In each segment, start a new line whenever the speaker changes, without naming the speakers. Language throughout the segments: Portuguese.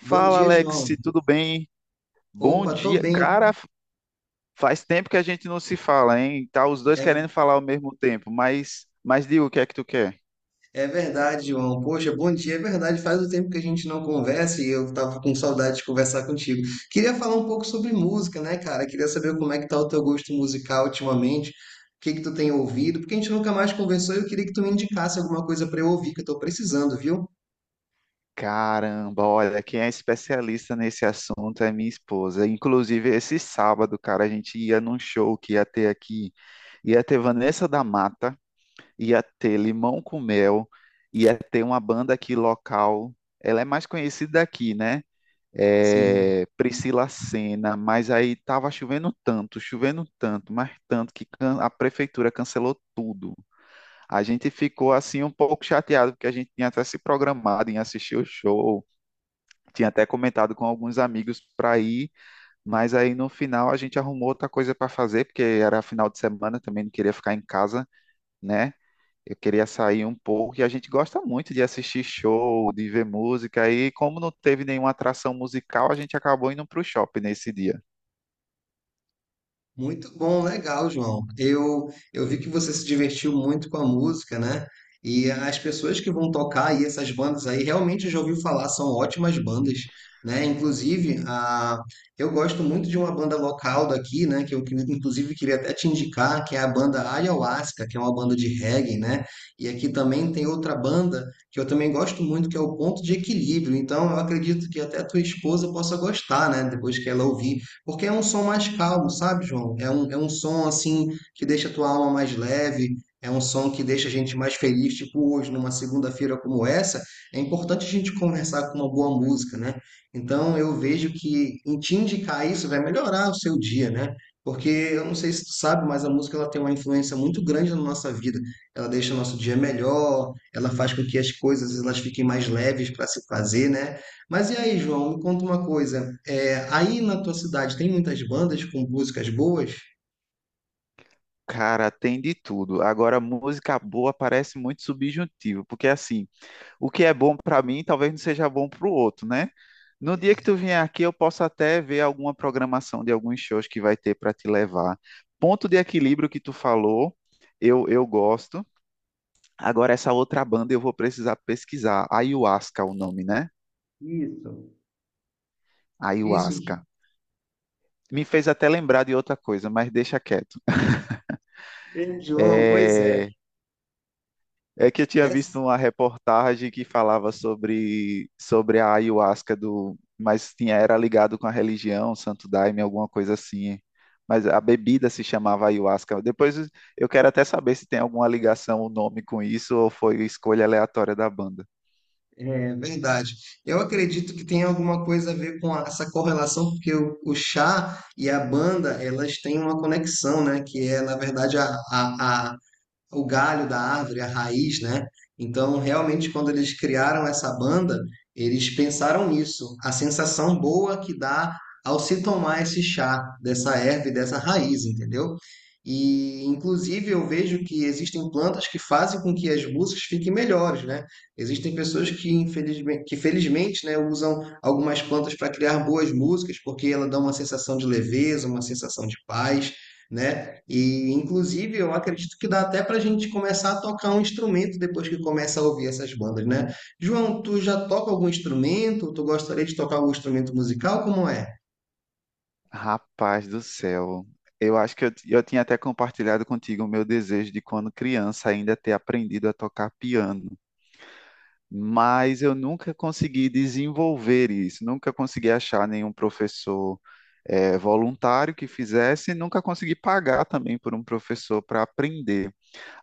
Bom
Fala,
dia,
Alex,
João.
tudo bem? Bom
Opa, tô
dia.
bem.
Cara, faz tempo que a gente não se fala, hein? Tá os dois
É,
querendo falar ao mesmo tempo, mas diga o que é que tu quer?
é verdade, João. Poxa, bom dia, é verdade. Faz um tempo que a gente não conversa e eu tava com saudade de conversar contigo. Queria falar um pouco sobre música, né, cara? Queria saber como é que tá o teu gosto musical ultimamente, o que que tu tem ouvido, porque a gente nunca mais conversou e eu queria que tu me indicasse alguma coisa pra eu ouvir, que eu tô precisando, viu?
Caramba, olha, quem é especialista nesse assunto é minha esposa. Inclusive, esse sábado, cara, a gente ia num show que ia ter aqui. Ia ter Vanessa da Mata, ia ter Limão com Mel, ia ter uma banda aqui local. Ela é mais conhecida daqui, né?
Sim.
É, Priscila Senna, mas aí estava chovendo tanto, mas tanto a prefeitura cancelou tudo. A gente ficou assim um pouco chateado, porque a gente tinha até se programado em assistir o show, tinha até comentado com alguns amigos para ir, mas aí no final a gente arrumou outra coisa para fazer, porque era final de semana, também não queria ficar em casa, né? Eu queria sair um pouco e a gente gosta muito de assistir show, de ver música. E como não teve nenhuma atração musical, a gente acabou indo para o shopping nesse dia.
Muito bom, legal, João. Eu vi que você se divertiu muito com a música, né? E as pessoas que vão tocar aí, essas bandas aí, realmente eu já ouvi falar, são ótimas bandas, né? Eu gosto muito de uma banda local daqui, né? Inclusive, queria até te indicar, que é a banda Ayahuasca, que é uma banda de reggae, né? E aqui também tem outra banda que eu também gosto muito, que é o Ponto de Equilíbrio. Então, eu acredito que até tua esposa possa gostar, né? Depois que ela ouvir, porque é um som mais calmo, sabe, João? É um som assim que deixa a tua alma mais leve, é um som que deixa a gente mais feliz, tipo hoje, numa segunda-feira como essa, é importante a gente conversar com uma boa música, né? Então eu vejo que em te indicar isso vai melhorar o seu dia, né? Porque eu não sei se tu sabe, mas a música ela tem uma influência muito grande na nossa vida. Ela deixa o nosso dia melhor, ela faz com que as coisas elas fiquem mais leves para se fazer, né? Mas e aí, João, me conta uma coisa. Aí na tua cidade tem muitas bandas com músicas boas?
Cara, tem de tudo. Agora, música boa parece muito subjuntivo, porque assim, o que é bom para mim talvez não seja bom para o outro, né? No dia que tu vier aqui, eu posso até ver alguma programação de alguns shows que vai ter para te levar. Ponto de equilíbrio que tu falou, eu gosto. Agora, essa outra banda eu vou precisar pesquisar. Ayahuasca, é o nome, né?
Isso, isso.
Ayahuasca. Me fez até lembrar de outra coisa, mas deixa quieto.
Ei, João, pois é.
É, é que eu tinha visto
Essa
uma reportagem que falava sobre a ayahuasca do, mas tinha era ligado com a religião, Santo Daime, alguma coisa assim. Mas a bebida se chamava ayahuasca. Depois eu quero até saber se tem alguma ligação o nome com isso ou foi escolha aleatória da banda.
é verdade. Eu acredito que tem alguma coisa a ver com essa correlação, porque o chá e a banda, elas têm uma conexão, né? Que é, na verdade, a, o galho da árvore, a raiz, né? Então, realmente, quando eles criaram essa banda, eles pensaram nisso, a sensação boa que dá ao se tomar esse chá dessa erva e dessa raiz, entendeu? E, inclusive, eu vejo que existem plantas que fazem com que as músicas fiquem melhores, né? Existem pessoas que, infelizmente, que felizmente, né, usam algumas plantas para criar boas músicas, porque ela dá uma sensação de leveza, uma sensação de paz, né? E inclusive eu acredito que dá até para a gente começar a tocar um instrumento depois que começa a ouvir essas bandas, né? João, tu já toca algum instrumento? Tu gostaria de tocar algum instrumento musical? Como é?
Rapaz do céu. Eu acho que eu tinha até compartilhado contigo o meu desejo de quando criança ainda ter aprendido a tocar piano. Mas eu nunca consegui desenvolver isso, nunca consegui achar nenhum professor, voluntário que fizesse, e nunca consegui pagar também por um professor para aprender.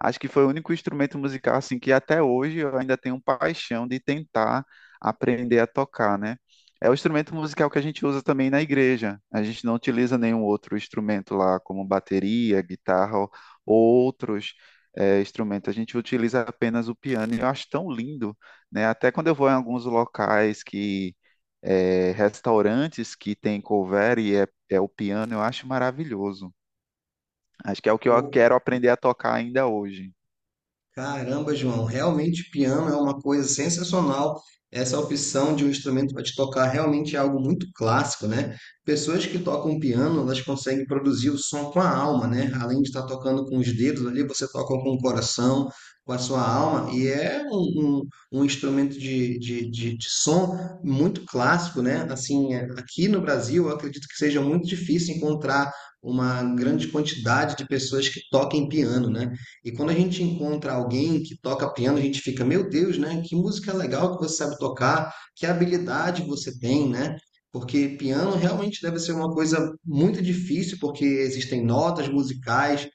Acho que foi o único instrumento musical assim que até hoje eu ainda tenho paixão de tentar aprender a tocar, né? É o instrumento musical que a gente usa também na igreja. A gente não utiliza nenhum outro instrumento lá, como bateria, guitarra ou outros instrumentos. A gente utiliza apenas o piano e eu acho tão lindo, né? Até quando eu vou em alguns locais que restaurantes que tem cover e é o piano, eu acho maravilhoso. Acho que é o que eu quero aprender a tocar ainda hoje.
Caramba, João, realmente piano é uma coisa sensacional. Essa opção de um instrumento para te tocar realmente é algo muito clássico, né? Pessoas que tocam piano, elas conseguem produzir o som com a alma, né? Além de estar tocando com os dedos ali, você toca com o coração, com a sua alma, e é um instrumento de, de som muito clássico, né? Assim, é, aqui no Brasil, eu acredito que seja muito difícil encontrar uma grande quantidade de pessoas que toquem piano, né? E quando a gente encontra alguém que toca piano, a gente fica, meu Deus, né? Que música legal que você sabe tocar, que habilidade você tem, né? Porque piano realmente deve ser uma coisa muito difícil, porque existem notas musicais,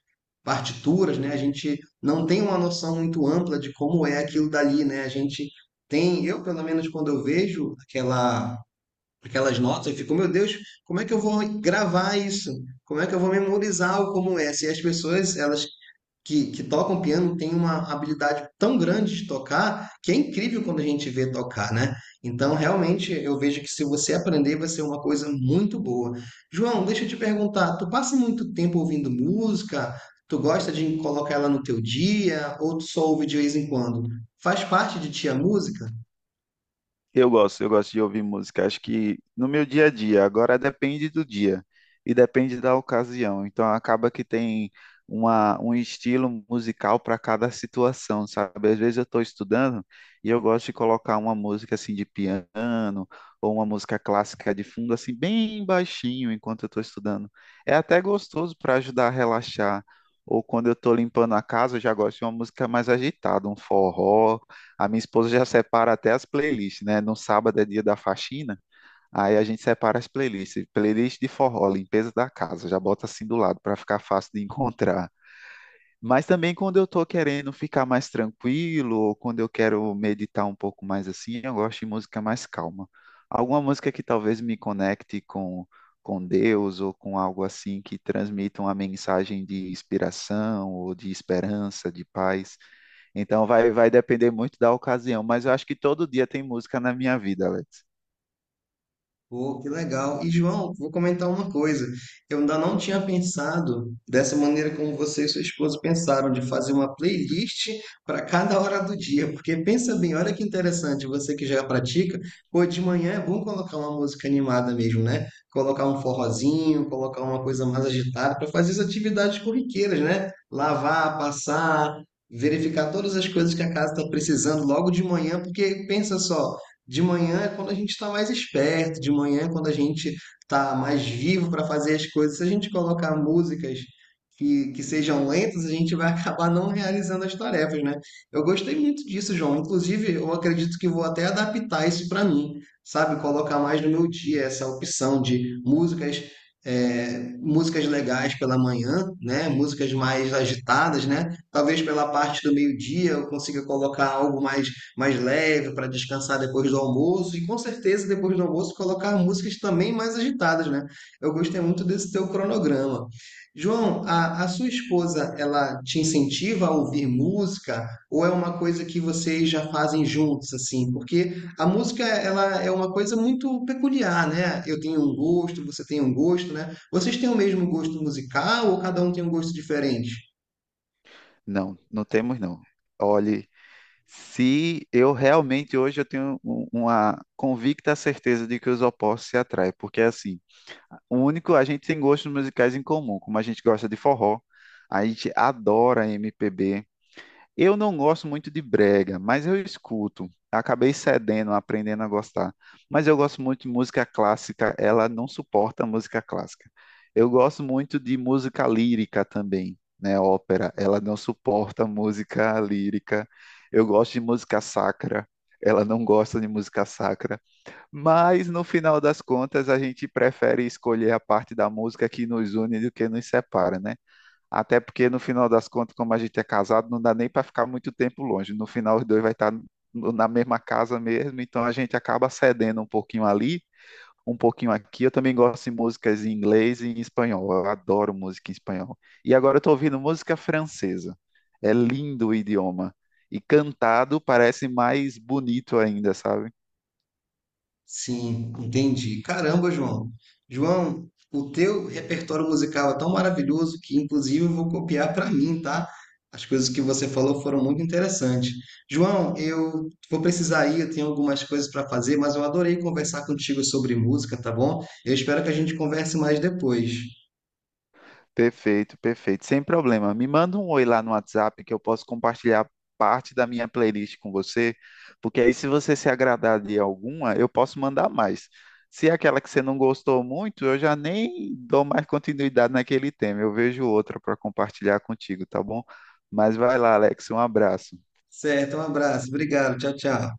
partituras, né? A gente não tem uma noção muito ampla de como é aquilo dali, né? A gente tem, eu pelo menos quando eu vejo aquela, aquelas notas, eu fico, meu Deus, como é que eu vou gravar isso? Como é que eu vou memorizar o como é? Se as pessoas, elas que tocam piano têm uma habilidade tão grande de tocar que é incrível quando a gente vê tocar, né? Então, realmente, eu vejo que se você aprender, vai ser uma coisa muito boa. João, deixa eu te perguntar, tu passa muito tempo ouvindo música? Tu gosta de colocar ela no teu dia? Ou tu só ouve de vez em quando? Faz parte de ti a música?
Eu gosto de ouvir música. Acho que no meu dia a dia, agora depende do dia e depende da ocasião. Então acaba que tem um estilo musical para cada situação, sabe? Às vezes eu estou estudando e eu gosto de colocar uma música assim de piano ou uma música clássica de fundo, assim, bem baixinho enquanto eu estou estudando. É até gostoso para ajudar a relaxar. Ou quando eu estou limpando a casa, eu já gosto de uma música mais agitada, um forró. A minha esposa já separa até as playlists, né? No sábado é dia da faxina, aí a gente separa as playlists. Playlist de forró, limpeza da casa, já bota assim do lado para ficar fácil de encontrar. Mas também quando eu estou querendo ficar mais tranquilo, ou quando eu quero meditar um pouco mais assim, eu gosto de música mais calma. Alguma música que talvez me com Deus ou com algo assim que transmita uma mensagem de inspiração ou de esperança, de paz. Então vai depender muito da ocasião, mas eu acho que todo dia tem música na minha vida, Alex.
Pô, que legal. E, João, vou comentar uma coisa. Eu ainda não tinha pensado dessa maneira como você e sua esposa pensaram, de fazer uma playlist para cada hora do dia. Porque pensa bem, olha que interessante, você que já pratica, pô, de manhã é bom colocar uma música animada mesmo, né? Colocar um forrozinho, colocar uma coisa mais agitada para fazer as atividades corriqueiras, né? Lavar, passar. Verificar todas as coisas que a casa está precisando logo de manhã, porque pensa só. De manhã é quando a gente está mais esperto, de manhã é quando a gente está mais vivo para fazer as coisas. Se a gente colocar músicas que sejam lentas, a gente vai acabar não realizando as tarefas, né? Eu gostei muito disso, João. Inclusive, eu acredito que vou até adaptar isso para mim, sabe? Colocar mais no meu dia essa opção de músicas, músicas legais pela manhã, né? Músicas mais agitadas, né? Talvez pela parte do meio-dia eu consiga colocar algo mais leve para descansar depois do almoço e com certeza depois do almoço colocar músicas também mais agitadas, né? Eu gostei muito desse teu cronograma. João, a sua esposa, ela te incentiva a ouvir música ou é uma coisa que vocês já fazem juntos, assim? Porque a música, ela é uma coisa muito peculiar, né? Eu tenho um gosto, você tem um gosto, né? Vocês têm o mesmo gosto musical ou cada um tem um gosto diferente?
Não, não temos não. Olhe, se eu realmente hoje eu tenho uma convicta certeza de que os opostos se atraem, porque assim, o único a gente tem gostos musicais em comum, como a gente gosta de forró, a gente adora MPB. Eu não gosto muito de brega, mas eu escuto. Acabei cedendo, aprendendo a gostar. Mas eu gosto muito de música clássica, ela não suporta música clássica. Eu gosto muito de música lírica também, né? Ópera, ela não suporta música lírica. Eu gosto de música sacra, ela não gosta de música sacra. Mas no final das contas, a gente prefere escolher a parte da música que nos une do que nos separa, né? Até porque no final das contas, como a gente é casado, não dá nem para ficar muito tempo longe. No final, os dois vai estar na mesma casa mesmo, então a gente acaba cedendo um pouquinho ali, um pouquinho aqui. Eu também gosto de músicas em inglês e em espanhol. Eu adoro música em espanhol. E agora eu estou ouvindo música francesa. É lindo o idioma. E cantado parece mais bonito ainda, sabe?
Sim, entendi. Caramba, João. João, o teu repertório musical é tão maravilhoso que, inclusive, eu vou copiar para mim, tá? As coisas que você falou foram muito interessantes. João, eu vou precisar ir, eu tenho algumas coisas para fazer, mas eu adorei conversar contigo sobre música, tá bom? Eu espero que a gente converse mais depois.
Perfeito, perfeito. Sem problema. Me manda um oi lá no WhatsApp que eu posso compartilhar parte da minha playlist com você, porque aí se você se agradar de alguma, eu posso mandar mais. Se é aquela que você não gostou muito, eu já nem dou mais continuidade naquele tema. Eu vejo outra para compartilhar contigo, tá bom? Mas vai lá, Alex. Um abraço.
Certo, um abraço. Obrigado. Tchau, tchau.